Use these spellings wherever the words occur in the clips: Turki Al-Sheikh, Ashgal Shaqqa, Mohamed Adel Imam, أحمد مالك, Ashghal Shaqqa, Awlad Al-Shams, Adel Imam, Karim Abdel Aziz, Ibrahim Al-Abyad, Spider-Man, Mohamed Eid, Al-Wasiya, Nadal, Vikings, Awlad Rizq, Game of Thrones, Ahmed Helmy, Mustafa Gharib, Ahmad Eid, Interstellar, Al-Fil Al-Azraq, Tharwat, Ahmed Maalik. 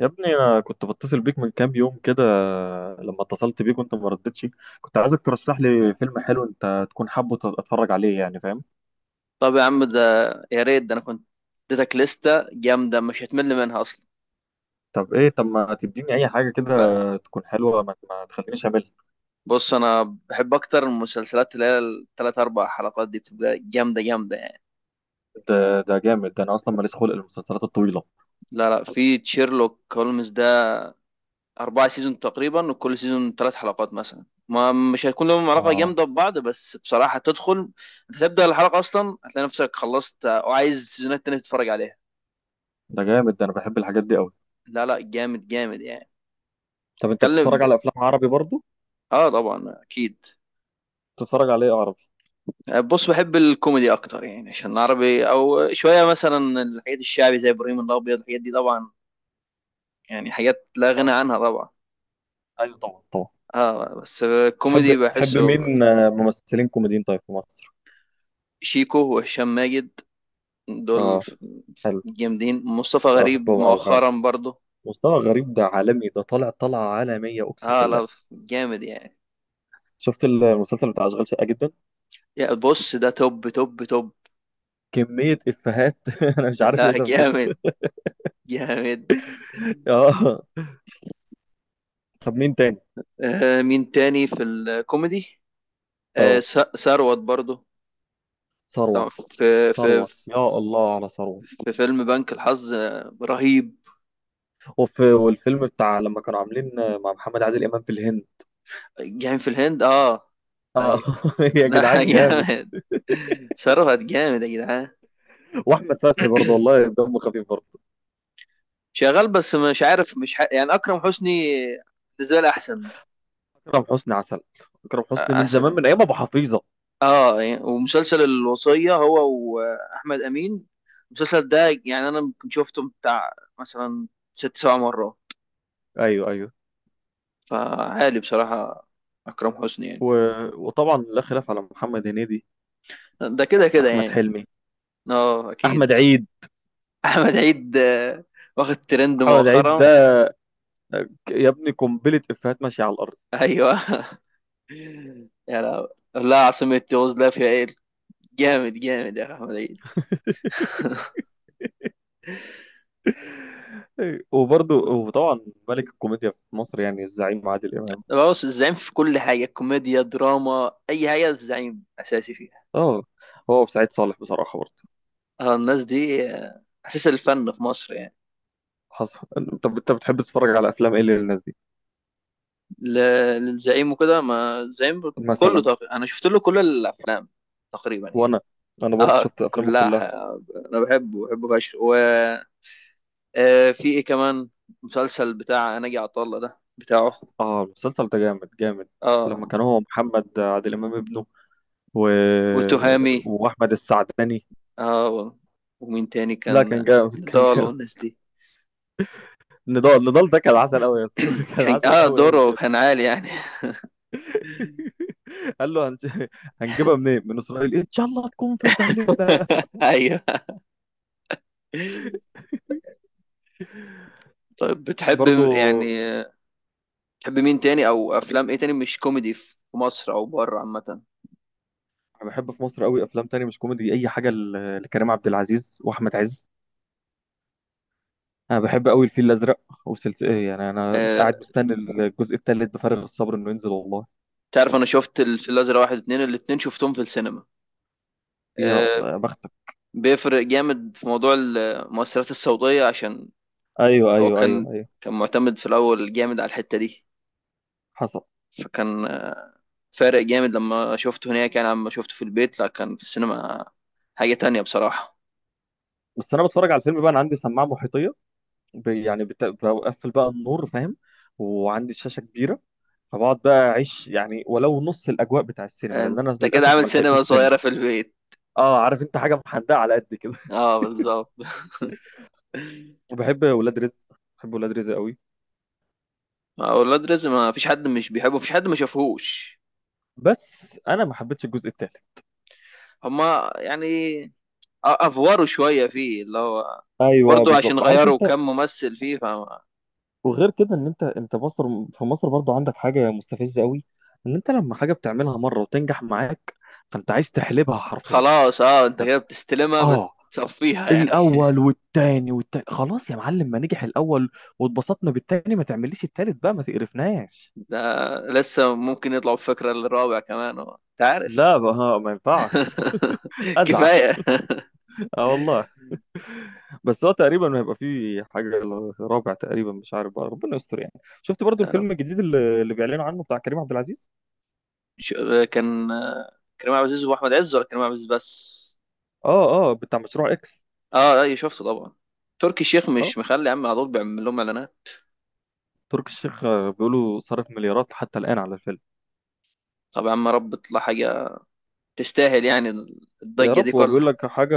يا ابني، انا كنت بتصل بيك من كام يوم كده. لما اتصلت بيك وانت ما ردتش. كنت عايزك ترشح لي فيلم حلو انت تكون حابه اتفرج عليه، يعني فاهم؟ طب يا عم ده. يا ريت ده انا كنت اديتك لستة جامدة مش هتمل منها اصلا. طب ايه؟ طب ما تديني اي حاجه كده ب- تكون حلوه، ما تخلينيش اعملها. بص، انا بحب اكتر المسلسلات اللي هي الثلاث اربع حلقات دي بتبقى جامدة جامدة يعني. ده جامد. ده انا اصلا ماليش خلق المسلسلات الطويله. لا لا، في تشيرلوك هولمز ده، اربع سيزون تقريبا، وكل سيزون ثلاث حلقات مثلا، ما مش هيكون لهم علاقة اه، جامدة ببعض، بس بصراحة تدخل انت تبدأ الحلقة اصلا هتلاقي نفسك خلصت وعايز سيزونات تانية تتفرج عليها. ده جامد. ده انا بحب الحاجات دي قوي. لا لا جامد جامد يعني. طب انت اتكلم بتتفرج ب... على افلام عربي برضو؟ اه طبعا اكيد. بتتفرج على ايه عربي؟ بص، بحب الكوميدي اكتر يعني، عشان عربي او شويه مثلا الحاجات الشعبي زي ابراهيم الابيض الحاجات دي طبعا، يعني حاجات لا غنى اه، عنها طبعا. ايوه طبعا، طبعا. اه بس تحب الكوميدي تحب بحسه. مين ممثلين كوميديين طيب في مصر؟ شيكو وهشام ماجد، دول اه، حلو. جامدين. مصطفى أو غريب بحبهم أوي فعلا. مؤخرا برضه. مصطفى غريب ده عالمي. ده طالع طلعة عالمية أقسم اه لا بالله. جامد يعني. شفت المسلسل بتاع أشغال شقة جدا؟ يا بص، ده توب توب توب. كمية إفيهات أنا مش عارف إيه لا ده بجد جامد جامد. آه، طب مين تاني؟ آه، مين تاني في الكوميدي. آه، آه، ثروت برضه. ثروت. طبعاً في ثروت، يا الله على ثروت. في فيلم بنك الحظ، آه، رهيب. والفيلم بتاع لما كانوا عاملين مع محمد عادل إمام في الهند. جاي في الهند اه. آه ايوه. يا لا جدعان، جامد! جامد. صرفت جامد يا جدعان. وأحمد فتحي برضه، والله دمه خفيف برضه. شغال بس مش عارف، مش ح... يعني اكرم حسني بالنسبه لي احسن. أكرم حسني عسل. أكرم حسني من زمان، احسن. من أيام أبو حفيظة. اه يعني، ومسلسل الوصيه هو، واحمد امين، المسلسل ده يعني انا ممكن شفته بتاع مثلا ست سبع مرات. أيوه، أيوه. فعالي بصراحه اكرم حسني يعني. و... وطبعا لا خلاف على محمد هنيدي. ده كده كده أحمد يعني. حلمي. اه أحمد اكيد. عيد. احمد عيد، واخد ترند محمد عيد مؤخرا. ده، يا ابني قنبلة إفيهات ماشية على الأرض. ايوه يا لا، لا عاصمة تونس، لا فيها ايه. جامد جامد يا أخي احمد عيد. وبرضه، وطبعا ملك الكوميديا في مصر يعني الزعيم عادل إمام. بص، الزعيم في كل حاجة، كوميديا، دراما، اي حاجة الزعيم اساسي فيها. اه. هو وسعيد صالح بصراحة برضه. اه الناس دي، آه، اساس الفن في مصر يعني. حصل. طب أنت بتحب تتفرج على أفلام إيه للناس دي؟ ل- للزعيم وكده، ما الزعيم كله مثلا؟ طاقة، انا شفت له كل الافلام تقريبا يعني. وأنا أنا برضه اه شفت أفلامه كلها كلها. انا بحبه بحبه فشخ. آه، في ايه كمان. مسلسل بتاع ناجي عطا الله ده بتاعه. اه، المسلسل ده جامد جامد. لما اه، كان هو محمد عادل إمام ابنه و... وتهامي. وأحمد السعداني. اه ومين تاني، لا، كان كان جامد، كان نضال جامد. والناس دي. نضال، نضال ده كان عسل قوي يا اسطى كان كان عسل اه قوي قوي دوره بجد كان عالي يعني. قال له هنجيبها منين؟ من اسرائيل ان شاء الله تكون في متهلبنا. ايوه. طيب، بتحب برضو، يعني آه، بتحب مين تاني او افلام ايه تاني مش كوميدي في مصر او بره عامه. انا بحب في مصر قوي افلام تانية مش كوميدي، اي حاجه لكريم عبد العزيز واحمد عز. انا بحب قوي الفيل الازرق. وسلسله، يعني انا آه، قاعد مستني الجزء الثالث بفارغ الصبر انه ينزل والله. تعرف انا شفت الفيل الازرق واحد واتنين، الاتنين شفتهم في السينما. يا الله آه، يا بختك! بيفرق جامد في موضوع المؤثرات الصوتيه، عشان ايوه، هو ايوه، كان ايوه، ايوه. كان معتمد في الأول جامد على الحتة دي. حصل. فكان، آه، فارق جامد لما شفته هناك يعني. لما شفته في البيت لا، كان في السينما حاجة تانية بصراحة. بس انا بتفرج على الفيلم بقى، انا عندي سماعه محيطيه، يعني بقفل بقى النور، فاهم؟ وعندي شاشة كبيرة، فبقعد بقى اعيش يعني ولو نص الاجواء بتاع السينما، لان انت انا كده للاسف عامل ما سينما لحقتوش صغيرة سينما. في البيت. اه، عارف انت؟ حاجة محدقة على قد كده اه بالظبط وبحب ولاد رزق. بحب ولاد رزق قوي. ما هو ولاد رزق ما فيش حد مش بيحبه، مفيش حد ما شافهوش. بس انا ما حبيتش الجزء الثالث. هما يعني افوروا شوية فيه، اللي هو ايوه، برضه بالظبط، عشان عارف غيروا انت. كم ممثل فيه. وغير كده ان انت مصر، في مصر برضو عندك حاجه مستفزه قوي، ان انت لما حاجه بتعملها مره وتنجح معاك، فانت عايز تحلبها حرفيا. فخلاص اه، انت طب. كده بتستلمها، اه. بتصفيها يعني. الاول والتاني خلاص يا معلم، ما نجح الاول واتبسطنا بالتاني، ما تعمليش التالت بقى ما تقرفناش. ده لسه ممكن يطلعوا بفكرة للرابع كمان، هو انت عارف. لا، ما ينفعش ازعل. كفاية اه، والله. بس هو تقريبا ما هيبقى فيه حاجه، رابع تقريبا، مش عارف بقى، ربنا يستر يعني. شفت برضو يا رب. الفيلم الجديد اللي بيعلنوا عنه بتاع كريم عبد العزيز؟ ش- كان كريم عبد العزيز واحمد عز، ولا كريم عبد العزيز بس. اه، اه، بتاع مشروع اكس. اه، اي شفته طبعا. تركي الشيخ اه، مش مخلي يا عم، على طول بيعمل لهم اعلانات. تركي الشيخ بيقولوا صرف مليارات حتى الان على الفيلم. طب يا عم، يا رب تطلع حاجة تستاهل يعني يا الضجة رب. دي هو بيقول كلها. لك حاجه،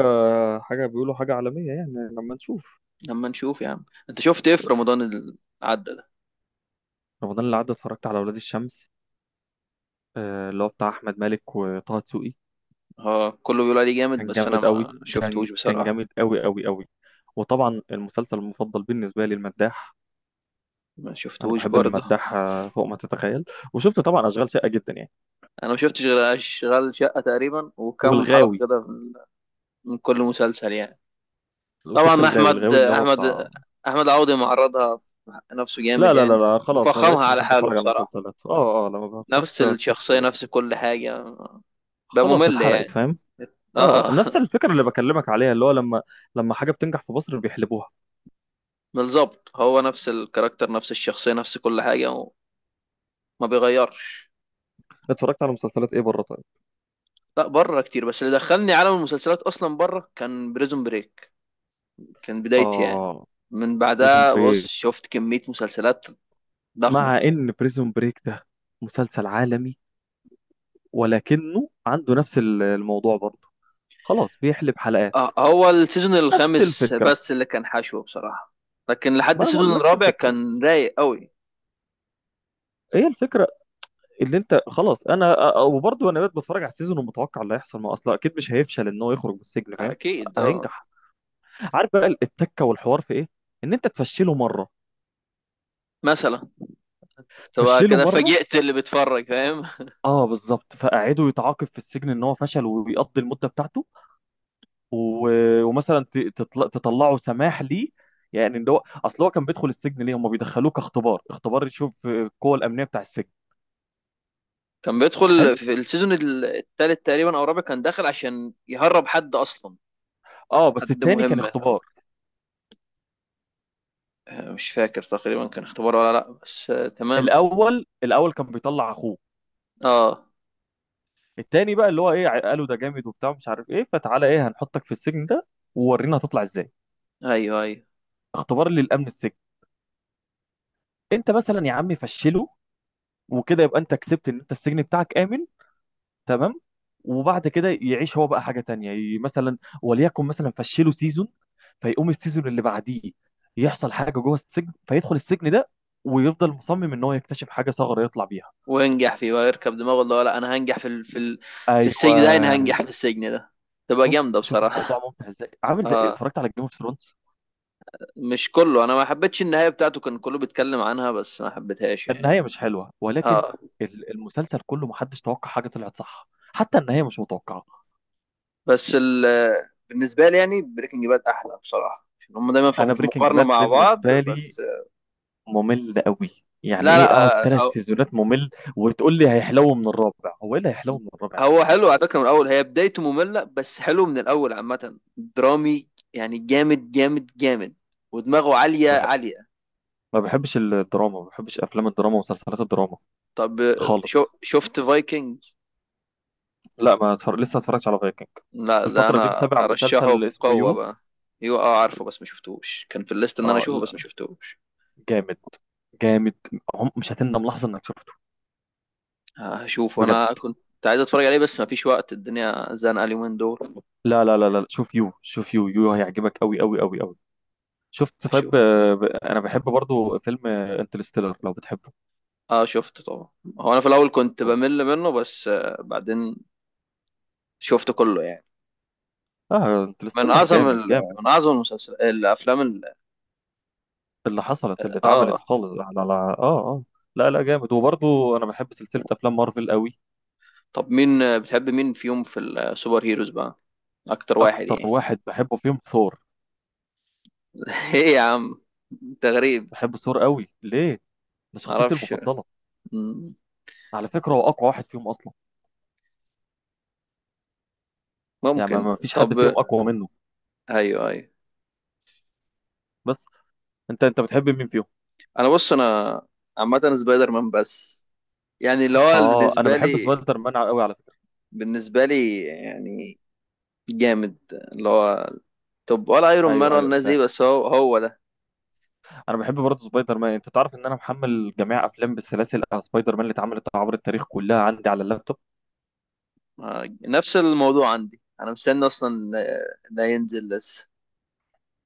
حاجه، بيقولوا حاجه عالميه يعني، لما نشوف. لما نشوف يا عم. انت شفت ايه في رمضان اللي عدى ده. رمضان اللي عدى اتفرجت على اولاد الشمس، اللي هو بتاع احمد مالك وطه دسوقي. اه كله بيقول عليه جامد، كان بس انا جامد قوي. ما كان شفتهوش كان بصراحة. جامد قوي قوي قوي. وطبعا المسلسل المفضل بالنسبه لي المداح. ما انا شفتهوش بحب برضه. المداح فوق ما تتخيل. وشفت طبعا اشغال شاقه جدا يعني. انا ما شفتش غير اشغال شقه تقريبا، وكم حلقه والغاوي. كده من كل مسلسل يعني. وشفت طبعا الغاوي احمد الغاوي اللي هو احمد بتاع. احمد عوضي معرضها نفسه لا، جامد لا، لا، يعني. لا، خلاص ما مفخمها بقتش على بحب حاله اتفرج على بصراحه، المسلسلات، اه، اه، لا ما نفس بتفرجش على الشخصيه المسلسلات. نفس كل حاجه، بقى خلاص ممل اتحرقت، يعني. فاهم؟ اه. آه. اه نفس الفكره اللي بكلمك عليها، اللي هو لما، لما حاجه بتنجح في مصر بيحلبوها. بالظبط، هو نفس الكاركتر نفس الشخصيه نفس كل حاجه، وما بيغيرش. اتفرجت على مسلسلات ايه بره طيب؟ لا، بره كتير، بس اللي دخلني عالم المسلسلات اصلا بره كان بريزون بريك، كان بدايتي يعني. اه، من بريزون بعدها بص بريك. شفت كميه مسلسلات ضخمه. مع ان بريزون بريك ده مسلسل عالمي، ولكنه عنده نفس الموضوع برضه. خلاص بيحلب حلقات. آه، هو السيزون نفس الخامس الفكره. بس اللي كان حشو بصراحة، لكن لحد ما انا السيزون بقول نفس الرابع الفكره. كان رايق قوي. ايه الفكره؟ اللي انت خلاص انا وبرضه انا بقيت بتفرج على السيزون ومتوقع اللي هيحصل، ما اصلا اكيد مش هيفشل ان هو يخرج من السجن، فاهم؟ اكيد اه. هينجح. عارف بقى التكه والحوار في ايه؟ ان انت تفشله مره. مثلا تبقى فشله كده مره. فاجئت اللي بيتفرج، فاهم. اه، بالظبط، فقعده يتعاقب في السجن ان هو فشل ويقضي المده بتاعته، ومثلا تطلعوا سماح ليه. يعني ان هو اصل، هو كان بيدخل السجن ليه، هم بيدخلوه كاختبار، اختبار يشوف القوه الامنيه بتاع السجن. كان حلو. بيدخل في السيزون التالت تقريبا او الرابع، كان داخل عشان يهرب حد اصلا، اه، بس حد التاني كان مهم. اختبار. آه، مش فاكر تقريبا كان اختبار ولا لا، بس آه، تمام. الاول كان بيطلع اخوه. اه. التاني بقى اللي هو ايه، قالوا ده جامد وبتاع مش عارف ايه، فتعالى ايه، هنحطك في السجن ده، وورينا هتطلع ازاي. ايوه ايوه. اختبار للامن السجن. انت مثلا يا عم فشله، وكده يبقى انت كسبت ان انت السجن بتاعك امن. تمام. وبعد كده يعيش هو بقى حاجه تانية، مثلا وليكن، مثلا فشله سيزون، فيقوم السيزون اللي بعديه يحصل حاجه جوه السجن، فيدخل السجن ده ويفضل مصمم ان هو يكتشف حاجه، ثغره يطلع بيها. وينجح فيه ويركب دماغه اللي هو لا، انا هنجح في ايوه. السجن ده. انا هنجح في السجن ده. تبقى شوف، جامدة شوف الموضوع بصراحة. ممتع ازاي، عامل زي، اه. اتفرجت على جيم اوف ثرونز؟ مش كله، انا ما حبيتش النهايه بتاعته. كان كله بيتكلم عنها بس ما حبيتهاش يعني. النهايه مش حلوه ولكن اه. المسلسل كله محدش توقع حاجه طلعت صح. حتى النهايه مش متوقعه. بس بالنسبه لي يعني بريكنج باد احلى بصراحه، عشان هم دايما في انا في بريكنج مقارنه باد مع بعض. بالنسبه لي بس. ممل قوي. يعني لا لا، ايه اقعد ثلاث آه، هو سيزونات ممل وتقول لي هيحلو من الرابع؟ هو ايه اللي هيحلو من الرابع يا هو معلم؟ حلو على فكره من الاول. هي بدايته ممله، بس حلو من الاول عامه. درامي يعني، جامد جامد جامد، ودماغه عاليه ما بح- عاليه. ما بحبش الدراما، ما بحبش افلام الدراما ومسلسلات الدراما طب، شو خالص. شفت فايكنج. لا، ما اتفرج، لسه ما اتفرجتش على فايكنج. لا، ده الفترة دي انا متابع ارشحه مسلسل اسمه بقوه يو. بقى. ايوه اه، عارفه بس ما شفتوش. كان في الليست ان انا اه، اشوفه، بس ما لا، شفتوش. جامد، جامد. مش هتندم لحظة انك شفته، هشوف. بجد. انا كنت عايز اتفرج عليه بس مفيش وقت، الدنيا زنقه اليومين دول. لا، لا، لا، لا، شوف يو، شوف يو، يو هيعجبك قوي قوي قوي قوي. شفت طيب؟ هشوفه كده. انا بحب برضو فيلم انترستيلر لو بتحبه. اه شفته طبعا. هو انا في الاول كنت طبعا. بمل منه، بس بعدين شفته كله يعني. اه، من انترستيلر اعظم جامد جامد. من اعظم المسلسل الافلام اللي حصلت، اللي اتعملت اه. خالص على، اه، اه. لا، لا، جامد، وبرضه انا بحب سلسله افلام مارفل قوي. طب مين، بتحب مين فيهم في السوبر هيروز بقى، اكتر واحد اكتر يعني. واحد بحبه فيهم ثور. ايه يا عم، انت غريب. بحب ثور قوي، ليه؟ ده شخصيتي معرفش. المفضله. مم. على فكره، هو اقوى واحد فيهم اصلا. يعني ما ممكن. ما فيش حد فيهم طب. اقوى منه. ايوه ايوه. بس، انت بتحب مين فيهم؟ انا، بص، انا عامه سبايدر مان بس، يعني اللي هو اه، انا بالنسبه بحب لي سبايدر مان قوي على فكره. بالنسبه لي يعني جامد اللي هو. طب ولا ايرون مان ايوه، ولا ايوه، الناس دي، بس هو هو ده. انا بحب برضه سبايدر مان، انت تعرف ان انا محمل جميع افلام بالسلاسل سبايدر مان اللي اتعملت عبر التاريخ كلها عندي على اللابتوب. نفس الموضوع عندي، انا مستني اصلا ده ينزل لسه.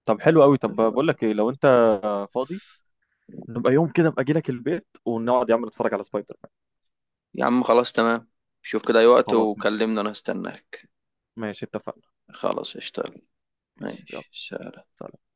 طب حلو قوي. طب بقول لك ايه، لو انت فاضي، نبقى يوم كده ابقى اجي لك البيت ونقعد يا عم نتفرج على سبايدر مان. يا عم خلاص تمام. شوف كده اي وقت خلاص، ماشي. وكلمني، انا هستناك. ماشي، اتفقنا. خلاص. اشتغل. ماشي، يلا. ماشي. سلام.